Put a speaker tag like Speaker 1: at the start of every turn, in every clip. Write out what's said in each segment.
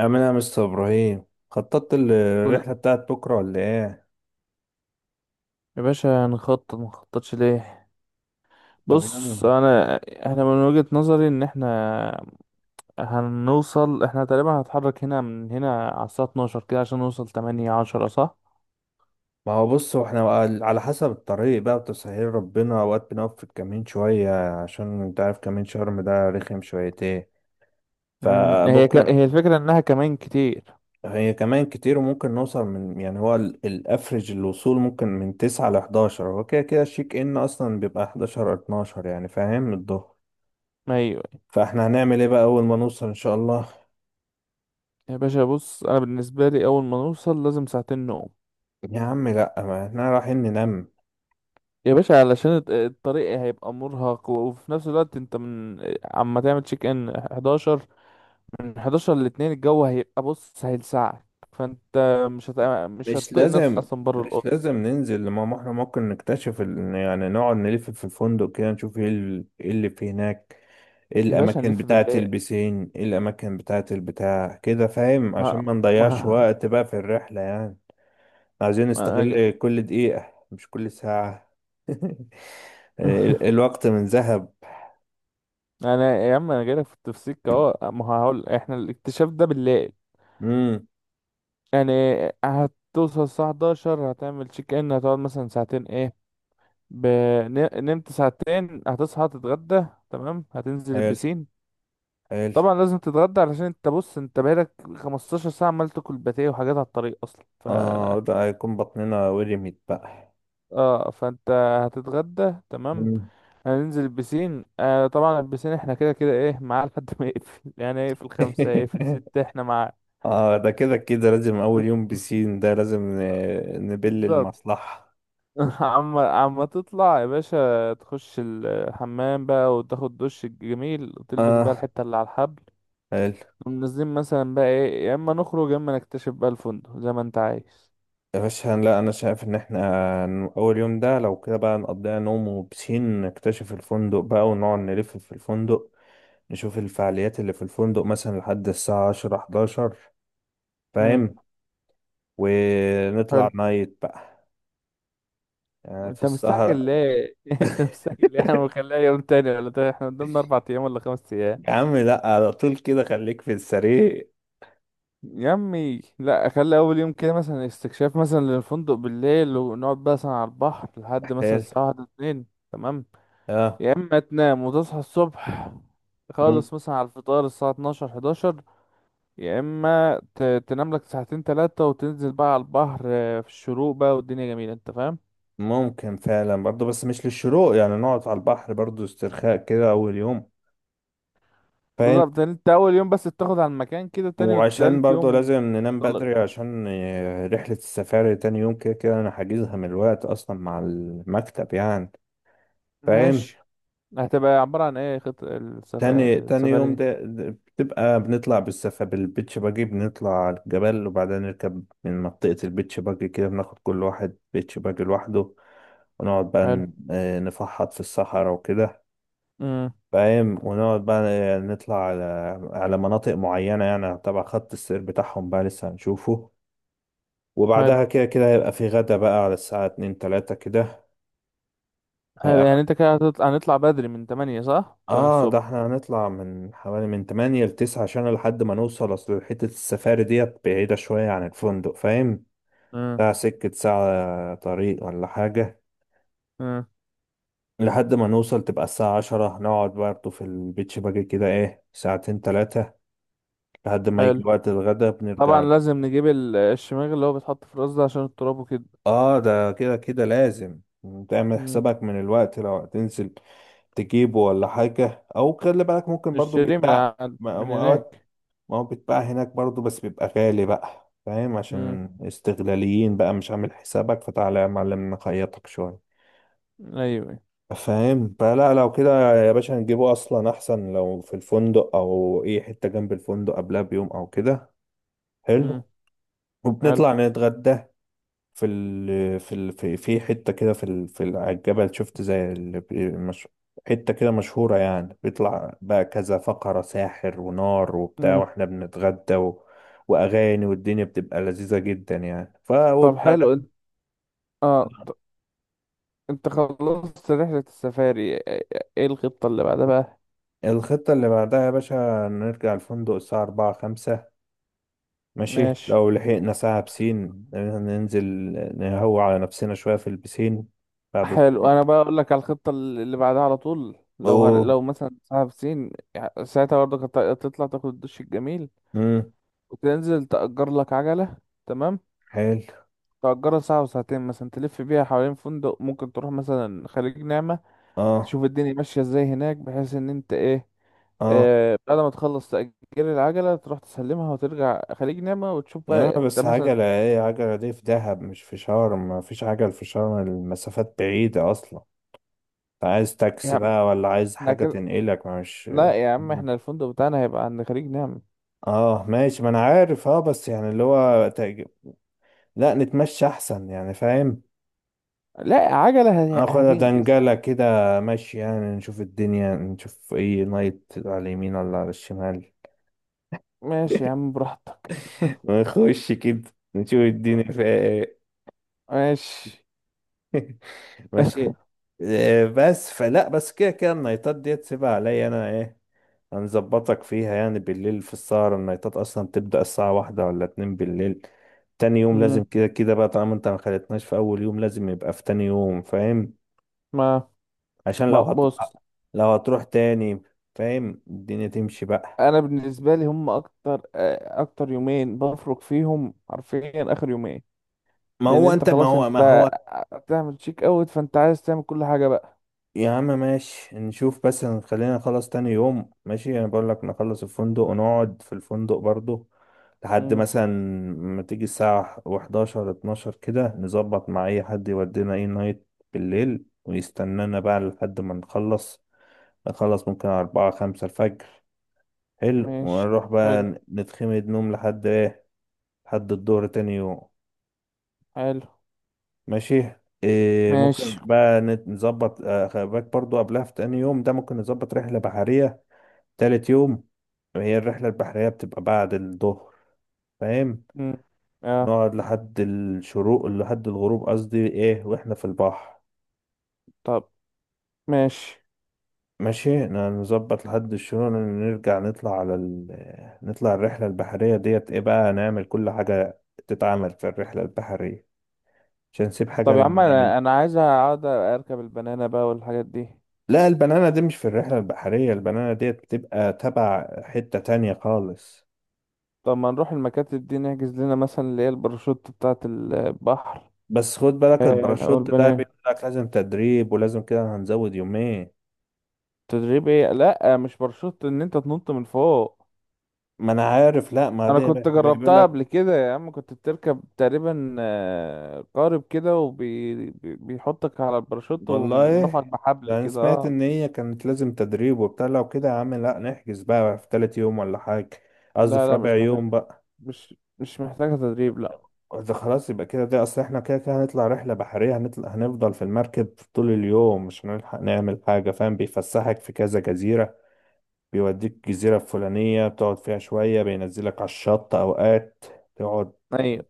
Speaker 1: أمين يا مستر إبراهيم، خططت ال-
Speaker 2: كل
Speaker 1: الرحلة بتاعت بكرة ولا إيه؟
Speaker 2: يا باشا، نخطط مخططش ليه.
Speaker 1: طب
Speaker 2: بص
Speaker 1: يلا.
Speaker 2: انا احنا من وجهة نظري ان احنا هنوصل احنا تقريبا هنتحرك من هنا على الساعة 12 كده عشان نوصل 8 10، صح؟
Speaker 1: ما هو، بص، هو إحنا بقى على حسب الطريق بقى وتسهيل ربنا، أوقات بنقف في الكمين شوية عشان أنت عارف كمين شرم ده رخم شويتين، فممكن.
Speaker 2: هي الفكرة انها كمان كتير.
Speaker 1: هي كمان كتير وممكن نوصل من، يعني، هو الأفرج الوصول ممكن من 9 ل 11، هو كده كده الشيك إن أصلا بيبقى 11 12، يعني فاهم، الظهر.
Speaker 2: ايوه.
Speaker 1: فإحنا هنعمل إيه بقى أول ما نوصل إن شاء الله؟
Speaker 2: يا باشا، بص انا بالنسبة لي اول ما نوصل لازم ساعتين نوم.
Speaker 1: يا عم لأ، ما إحنا رايحين ننام.
Speaker 2: يا باشا علشان الطريق هيبقى مرهق وفي نفس الوقت انت من عما تعمل تشيك ان 11، من 11 ل 2 الجو هيبقى بص هيلسعك. فانت مش هت... مش
Speaker 1: مش
Speaker 2: هتطيق نفسك
Speaker 1: لازم
Speaker 2: اصلا بره
Speaker 1: مش
Speaker 2: الاوضه.
Speaker 1: لازم ننزل، لما احنا ممكن نكتشف نقعد نلف في الفندق كده، نشوف ايه إيه اللي في هناك. ايه
Speaker 2: يا باشا
Speaker 1: الاماكن
Speaker 2: هنلف
Speaker 1: بتاعة
Speaker 2: بالليل.
Speaker 1: البسين، ايه الاماكن بتاعة البتاع كده فاهم، عشان
Speaker 2: ما
Speaker 1: ما نضيعش
Speaker 2: ما,
Speaker 1: وقت بقى في الرحلة يعني. عايزين
Speaker 2: ما انا جا...
Speaker 1: نستغل كل دقيقة مش كل ساعة. الوقت من ذهب.
Speaker 2: انا يا عم، انا جايلك في التفسير اهو. ما هقول احنا الاكتشاف ده بالليل.
Speaker 1: امم.
Speaker 2: يعني هتوصل الساعه 11، هتعمل تشيك ان، هتقعد مثلا ساعتين، ب... نمت ساعتين، هتصحى تتغدى. تمام، هتنزل
Speaker 1: حلو،
Speaker 2: البسين.
Speaker 1: حلو.
Speaker 2: طبعا لازم تتغدى علشان انت، بص، انت بقالك 15 ساعه عمال تاكل باتيه وحاجات على الطريق اصلا. ف
Speaker 1: اه ده هيكون بطننا ورمت بقى.
Speaker 2: اه فانت هتتغدى تمام.
Speaker 1: مم.
Speaker 2: هننزل البسين. طبعا البسين احنا كده كده ايه معاه لحد ما يقفل يعني هيقفل خمسة، هيقفل ستة، احنا معاه.
Speaker 1: اه ده كده كده لازم، اول يوم بسين ده لازم نبل
Speaker 2: بالظبط.
Speaker 1: المصلحة.
Speaker 2: عم تطلع يا باشا، تخش الحمام بقى وتاخد دش جميل وتلبس بقى
Speaker 1: اه،
Speaker 2: الحتة اللي على الحبل.
Speaker 1: حلو.
Speaker 2: ونازلين مثلا بقى ايه، يا اما نخرج يا اما نكتشف بقى الفندق زي ما انت عايز.
Speaker 1: يا باشا لا، انا شايف ان احنا، اول يوم ده لو كده بقى نقضيها نوم وبسين، نكتشف الفندق بقى ونقعد نلف في الفندق، نشوف الفعاليات اللي في الفندق مثلا لحد الساعة 10 11،
Speaker 2: امم.
Speaker 1: فاهم، ونطلع
Speaker 2: حلو،
Speaker 1: نايت بقى، يعني في
Speaker 2: انت مستعجل
Speaker 1: السهرة.
Speaker 2: ليه؟ انت مستعجل ليه، احنا مخليها يوم تاني ولا تاني؟ احنا قدامنا اربع ايام ولا خمس.
Speaker 1: يا عم لا، على طول كده خليك في السرير.
Speaker 2: يا عمي لا، اخلي اول يوم كده مثلا استكشاف مثلا للفندق بالليل ونقعد بقى مثلا على البحر لحد مثلا
Speaker 1: حلو،
Speaker 2: الساعه واحدة اتنين. تمام.
Speaker 1: اه.
Speaker 2: يا اما تنام وتصحى الصبح خالص مثلا على الفطار الساعه 12 11، يا اما تنام لك ساعتين ثلاثه وتنزل بقى على البحر، في الشروق بقى والدنيا جميله انت فاهم.
Speaker 1: ممكن فعلا برضه، بس مش للشروق، يعني نقعد على البحر برضه استرخاء كده أول يوم، فاهم.
Speaker 2: بالظبط، يعني انت اول يوم بس تاخد على المكان كده، تاني
Speaker 1: وعشان
Speaker 2: وتالت
Speaker 1: برضه
Speaker 2: يوم.
Speaker 1: لازم ننام بدري
Speaker 2: طلق.
Speaker 1: عشان رحلة السفاري تاني يوم كده كده أنا حاجزها من الوقت أصلا مع المكتب يعني، فاهم.
Speaker 2: ماشي. هتبقى عباره عن ايه خط
Speaker 1: تاني
Speaker 2: السفاري
Speaker 1: يوم
Speaker 2: دي؟
Speaker 1: ده بتبقى بنطلع بالبيتش باجي، بنطلع على الجبل، وبعدين نركب من منطقة البيتش باجي كده، بناخد كل واحد بيتش باجي لوحده، ونقعد بقى
Speaker 2: حلو.
Speaker 1: نفحط في الصحراء وكده،
Speaker 2: امم.
Speaker 1: فاهم، ونقعد بقى نطلع على مناطق معينة، يعني تبع خط السير بتاعهم بقى لسه هنشوفه. وبعدها كده كده هيبقى في غدا بقى على الساعة 2 3 كده.
Speaker 2: حلو،
Speaker 1: هي-
Speaker 2: يعني انت كده هنطلع بدري من 8، صح؟ 8
Speaker 1: اه ده
Speaker 2: الصبح.
Speaker 1: احنا هنطلع من حوالي، من 8 ل 9، عشان لحد ما نوصل، اصل حتة السفاري ديت بعيدة شوية عن الفندق، فاهم.
Speaker 2: امم.
Speaker 1: ده سكة ساعة طريق ولا حاجة.
Speaker 2: امم.
Speaker 1: لحد ما نوصل تبقى الساعة 10، نقعد برضه في البيتش باجي كده ايه ساعتين تلاتة لحد ما يجي
Speaker 2: حلو.
Speaker 1: وقت الغدا
Speaker 2: طبعا
Speaker 1: بنرجع.
Speaker 2: لازم نجيب الشماغ اللي هو بيتحط في الراس ده عشان التراب وكده.
Speaker 1: اه ده كده كده لازم، تعمل
Speaker 2: امم.
Speaker 1: حسابك من الوقت لو هتنزل تجيبه ولا حاجة، او خلي بالك ممكن برضو
Speaker 2: نشتريه من
Speaker 1: بيتباع
Speaker 2: من هناك.
Speaker 1: اوقات. ما هو بيتباع هناك برضو، بس بيبقى غالي بقى، فاهم،
Speaker 2: امم.
Speaker 1: عشان استغلاليين بقى، مش عامل حسابك فتعالى يا معلم نخيطك شوية،
Speaker 2: ايوه.
Speaker 1: فاهم. فلا لو كده يا باشا نجيبه اصلا، احسن لو في الفندق او اي حتة جنب الفندق قبلها بيوم او كده.
Speaker 2: امم.
Speaker 1: حلو.
Speaker 2: حلو.
Speaker 1: وبنطلع نتغدى في حتة كده، على الجبل، شفت زي ال... مش... حتة كده مشهورة، يعني بيطلع بقى كذا فقرة، ساحر ونار وبتاع،
Speaker 2: امم.
Speaker 1: واحنا بنتغدى و... وأغاني، والدنيا بتبقى لذيذة جدا يعني.
Speaker 2: طب
Speaker 1: وبعدها،
Speaker 2: حلو، اه ط- انت خلصت رحلة السفاري، ايه ايه الخطة اللي بعدها بقى؟
Speaker 1: الخطة اللي بعدها يا باشا، نرجع الفندق الساعة 4 5، ماشي،
Speaker 2: ماشي.
Speaker 1: لو لحقنا ساعة بسين ننزل نهوى على نفسنا شوية في البسين بعد
Speaker 2: حلو،
Speaker 1: التراب.
Speaker 2: انا بقى اقول لك على الخطة اللي بعدها على طول.
Speaker 1: أوه.
Speaker 2: لو مثلا ساعة سين، يعني ساعتها برضه هتطلع تاخد الدش الجميل
Speaker 1: مم.
Speaker 2: وتنزل تأجر لك عجلة. تمام.
Speaker 1: حلو،
Speaker 2: تأجرها ساعة وساعتين، مثلا تلف بيها حوالين فندق، ممكن تروح مثلا خليج نعمة،
Speaker 1: اه،
Speaker 2: تشوف الدنيا ماشية ازاي هناك، بحيث ان انت ايه.
Speaker 1: اه.
Speaker 2: بعد ما تخلص تأجير العجلة، تروح تسلمها وترجع خليج نعمة وتشوف
Speaker 1: ياما،
Speaker 2: بقى انت
Speaker 1: بس
Speaker 2: مثلا.
Speaker 1: عجلة ايه؟ عجلة دي في دهب مش في شرم، مفيش عجل في شرم، المسافات بعيدة أصلا. عايز
Speaker 2: يا
Speaker 1: تاكسي
Speaker 2: عم
Speaker 1: بقى، ولا عايز
Speaker 2: احنا
Speaker 1: حاجة
Speaker 2: كده
Speaker 1: تنقلك ما مش.
Speaker 2: لا يا عم، احنا الفندق بتاعنا هيبقى عند خليج نعمة.
Speaker 1: اه ماشي، ما انا عارف، اه بس يعني اللي هو لا نتمشى احسن يعني، فاهم.
Speaker 2: لا، عجلة
Speaker 1: ناخد
Speaker 2: هتنجز.
Speaker 1: دنجلة كده، ماشي، يعني نشوف الدنيا، نشوف ايه نايت على اليمين ولا على الشمال.
Speaker 2: ماشي يا عم، براحتك.
Speaker 1: ونخش كده نشوف الدنيا فيها ايه.
Speaker 2: ماشي.
Speaker 1: ماشي. بس فلا، بس كده كده النايتات دي تسيبها عليا انا ايه، هنظبطك فيها، يعني بالليل في السهرة النايتات اصلا بتبدأ الساعة 1 ولا 2 بالليل. تاني يوم
Speaker 2: مم،
Speaker 1: لازم كده كده بقى، طالما انت ما خلتناش في اول يوم لازم يبقى في تاني يوم، فاهم،
Speaker 2: ما
Speaker 1: عشان لو
Speaker 2: ما
Speaker 1: هتروح
Speaker 2: بص،
Speaker 1: لو هتروح تاني، فاهم، الدنيا تمشي بقى.
Speaker 2: انا بالنسبه لي هم اكتر يومين بفرق فيهم حرفيا اخر يومين.
Speaker 1: ما
Speaker 2: لان
Speaker 1: هو
Speaker 2: انت
Speaker 1: انت، ما
Speaker 2: خلاص،
Speaker 1: هو ما
Speaker 2: انت
Speaker 1: هو
Speaker 2: بتعمل شيك اوت، فانت عايز تعمل كل حاجه بقى.
Speaker 1: يا عم ماشي، نشوف، بس خلينا نخلص تاني يوم، ماشي، انا بقول لك نخلص الفندق ونقعد في الفندق برضو لحد
Speaker 2: امم.
Speaker 1: مثلا ما تيجي الساعة و11 12 كده، نظبط مع اي حد يودينا اي نايت بالليل ويستنانا بقى لحد ما نخلص، نخلص ممكن 4 5 الفجر، حلو،
Speaker 2: ماشي.
Speaker 1: ونروح بقى
Speaker 2: حلو.
Speaker 1: نتخمد نوم لحد ايه، لحد الظهر تاني يوم.
Speaker 2: حلو.
Speaker 1: ماشي. إيه، ممكن
Speaker 2: ماشي.
Speaker 1: بقى نظبط خلي بالك برضو قبلها، في تاني يوم ده ممكن نظبط رحلة بحرية تالت يوم. هي الرحلة البحرية بتبقى بعد الظهر، فاهم،
Speaker 2: امم. اه.
Speaker 1: نقعد لحد الشروق لحد الغروب قصدي، ايه واحنا في البحر.
Speaker 2: طب ماشي.
Speaker 1: ماشي، نظبط لحد الشروق، نرجع نطلع على نطلع الرحلة البحرية ديت، ايه بقى، نعمل كل حاجة تتعمل في الرحلة البحرية عشان نسيب حاجة
Speaker 2: طب يا عم،
Speaker 1: لما نعمل.
Speaker 2: انا عايز اقعد اركب البنانه بقى والحاجات دي.
Speaker 1: لا البنانة دي مش في الرحلة البحرية، البنانة ديت بتبقى تبع حتة تانية خالص.
Speaker 2: طب ما نروح المكاتب دي نحجز لنا مثلا اللي هي الباراشوت بتاعه البحر.
Speaker 1: بس خد بالك
Speaker 2: آه، او
Speaker 1: الباراشوت ده
Speaker 2: البنانه.
Speaker 1: بيقول لك لازم تدريب ولازم كده هنزود يومين.
Speaker 2: تدريب ايه، لا مش باراشوت ان انت تنط من فوق.
Speaker 1: ما انا عارف، لا ما
Speaker 2: انا
Speaker 1: دي
Speaker 2: كنت
Speaker 1: بيقول
Speaker 2: جربتها
Speaker 1: لك
Speaker 2: قبل كده يا عم، كنت بتركب تقريبا قارب كده وبيحطك على الباراشوت
Speaker 1: والله،
Speaker 2: ورفعك بحبل
Speaker 1: يعني
Speaker 2: كده،
Speaker 1: سمعت
Speaker 2: اه.
Speaker 1: ان هي كانت لازم تدريب وبتاع، لو كده يا عم لا نحجز بقى في تالت يوم ولا حاجة، قصدي
Speaker 2: لا
Speaker 1: في
Speaker 2: لا
Speaker 1: رابع
Speaker 2: مش محتاج.
Speaker 1: يوم بقى.
Speaker 2: مش محتاجة تدريب، لا.
Speaker 1: ده خلاص يبقى كده، ده اصل احنا كده كده هنطلع رحلة بحرية، هنطلع هنفضل في المركب طول اليوم مش هنلحق نعمل حاجة، فاهم، بيفسحك في كذا جزيرة، بيوديك جزيرة فلانية بتقعد فيها شوية، بينزلك على الشط اوقات تقعد،
Speaker 2: ايوه.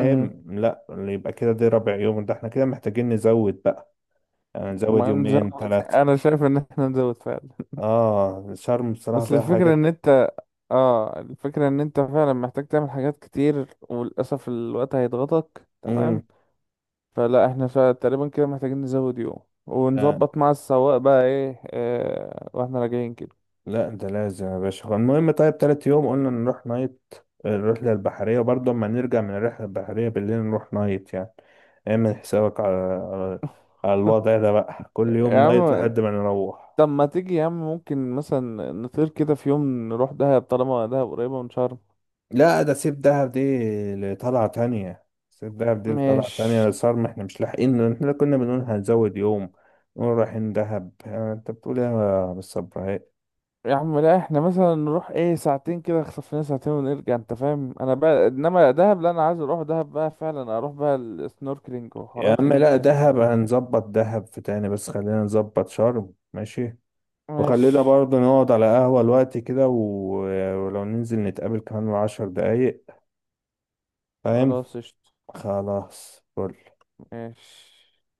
Speaker 2: أمم،
Speaker 1: لا يبقى كده ده رابع يوم، ده احنا كده محتاجين نزود بقى، يعني نزود
Speaker 2: ما نزود.
Speaker 1: يومين ثلاثة.
Speaker 2: انا شايف ان احنا نزود فعلا.
Speaker 1: اه شرم بصراحة
Speaker 2: بس
Speaker 1: فيها حاجات.
Speaker 2: الفكرة ان انت فعلا محتاج تعمل حاجات كتير وللأسف الوقت هيضغطك. تمام.
Speaker 1: مم.
Speaker 2: فلا احنا تقريبا كده محتاجين نزود يوم
Speaker 1: لا،
Speaker 2: ونظبط مع السواق بقى ايه اه واحنا راجعين كده.
Speaker 1: لا ده لازم يا باشا، هو المهم طيب تالت يوم قلنا نروح نايت الرحلة البحرية، وبرضه أما نرجع من الرحلة البحرية بالليل نروح نايت، يعني اعمل حسابك على على الوضع ده بقى كل
Speaker 2: يا
Speaker 1: يوم نايت
Speaker 2: عم،
Speaker 1: لحد ما نروح.
Speaker 2: طب ما تيجي يا عم، ممكن مثلا نطير كده في يوم نروح دهب طالما دهب قريبة من شرم.
Speaker 1: لا ده سيب دهب دي لطلعة تانية، سيب دهب دي لطلعة تانية،
Speaker 2: ماشي
Speaker 1: صار احنا مش لاحقين، احنا كنا بنقول هنزود يوم، نقول رايحين دهب، انت بتقول ايه يا بالصبر.
Speaker 2: يا عم، لا احنا مثلا نروح ايه ساعتين كده، نخطف لنا ساعتين ونرجع انت فاهم. انا بقى انما دهب، لا انا عايز اروح دهب بقى فعلا اروح بقى السنوركلينج
Speaker 1: يا
Speaker 2: وحوارات
Speaker 1: عم
Speaker 2: هناك
Speaker 1: لا، دهب
Speaker 2: تانية.
Speaker 1: هنظبط دهب في تاني، بس خلينا نظبط شرم، ماشي، وخلينا
Speaker 2: ماشي.
Speaker 1: برضه نقعد على قهوة الوقت كده ولو ننزل نتقابل كمان 10 دقايق، فاهم.
Speaker 2: خلاص قشطة.
Speaker 1: خلاص فل.
Speaker 2: ماشي.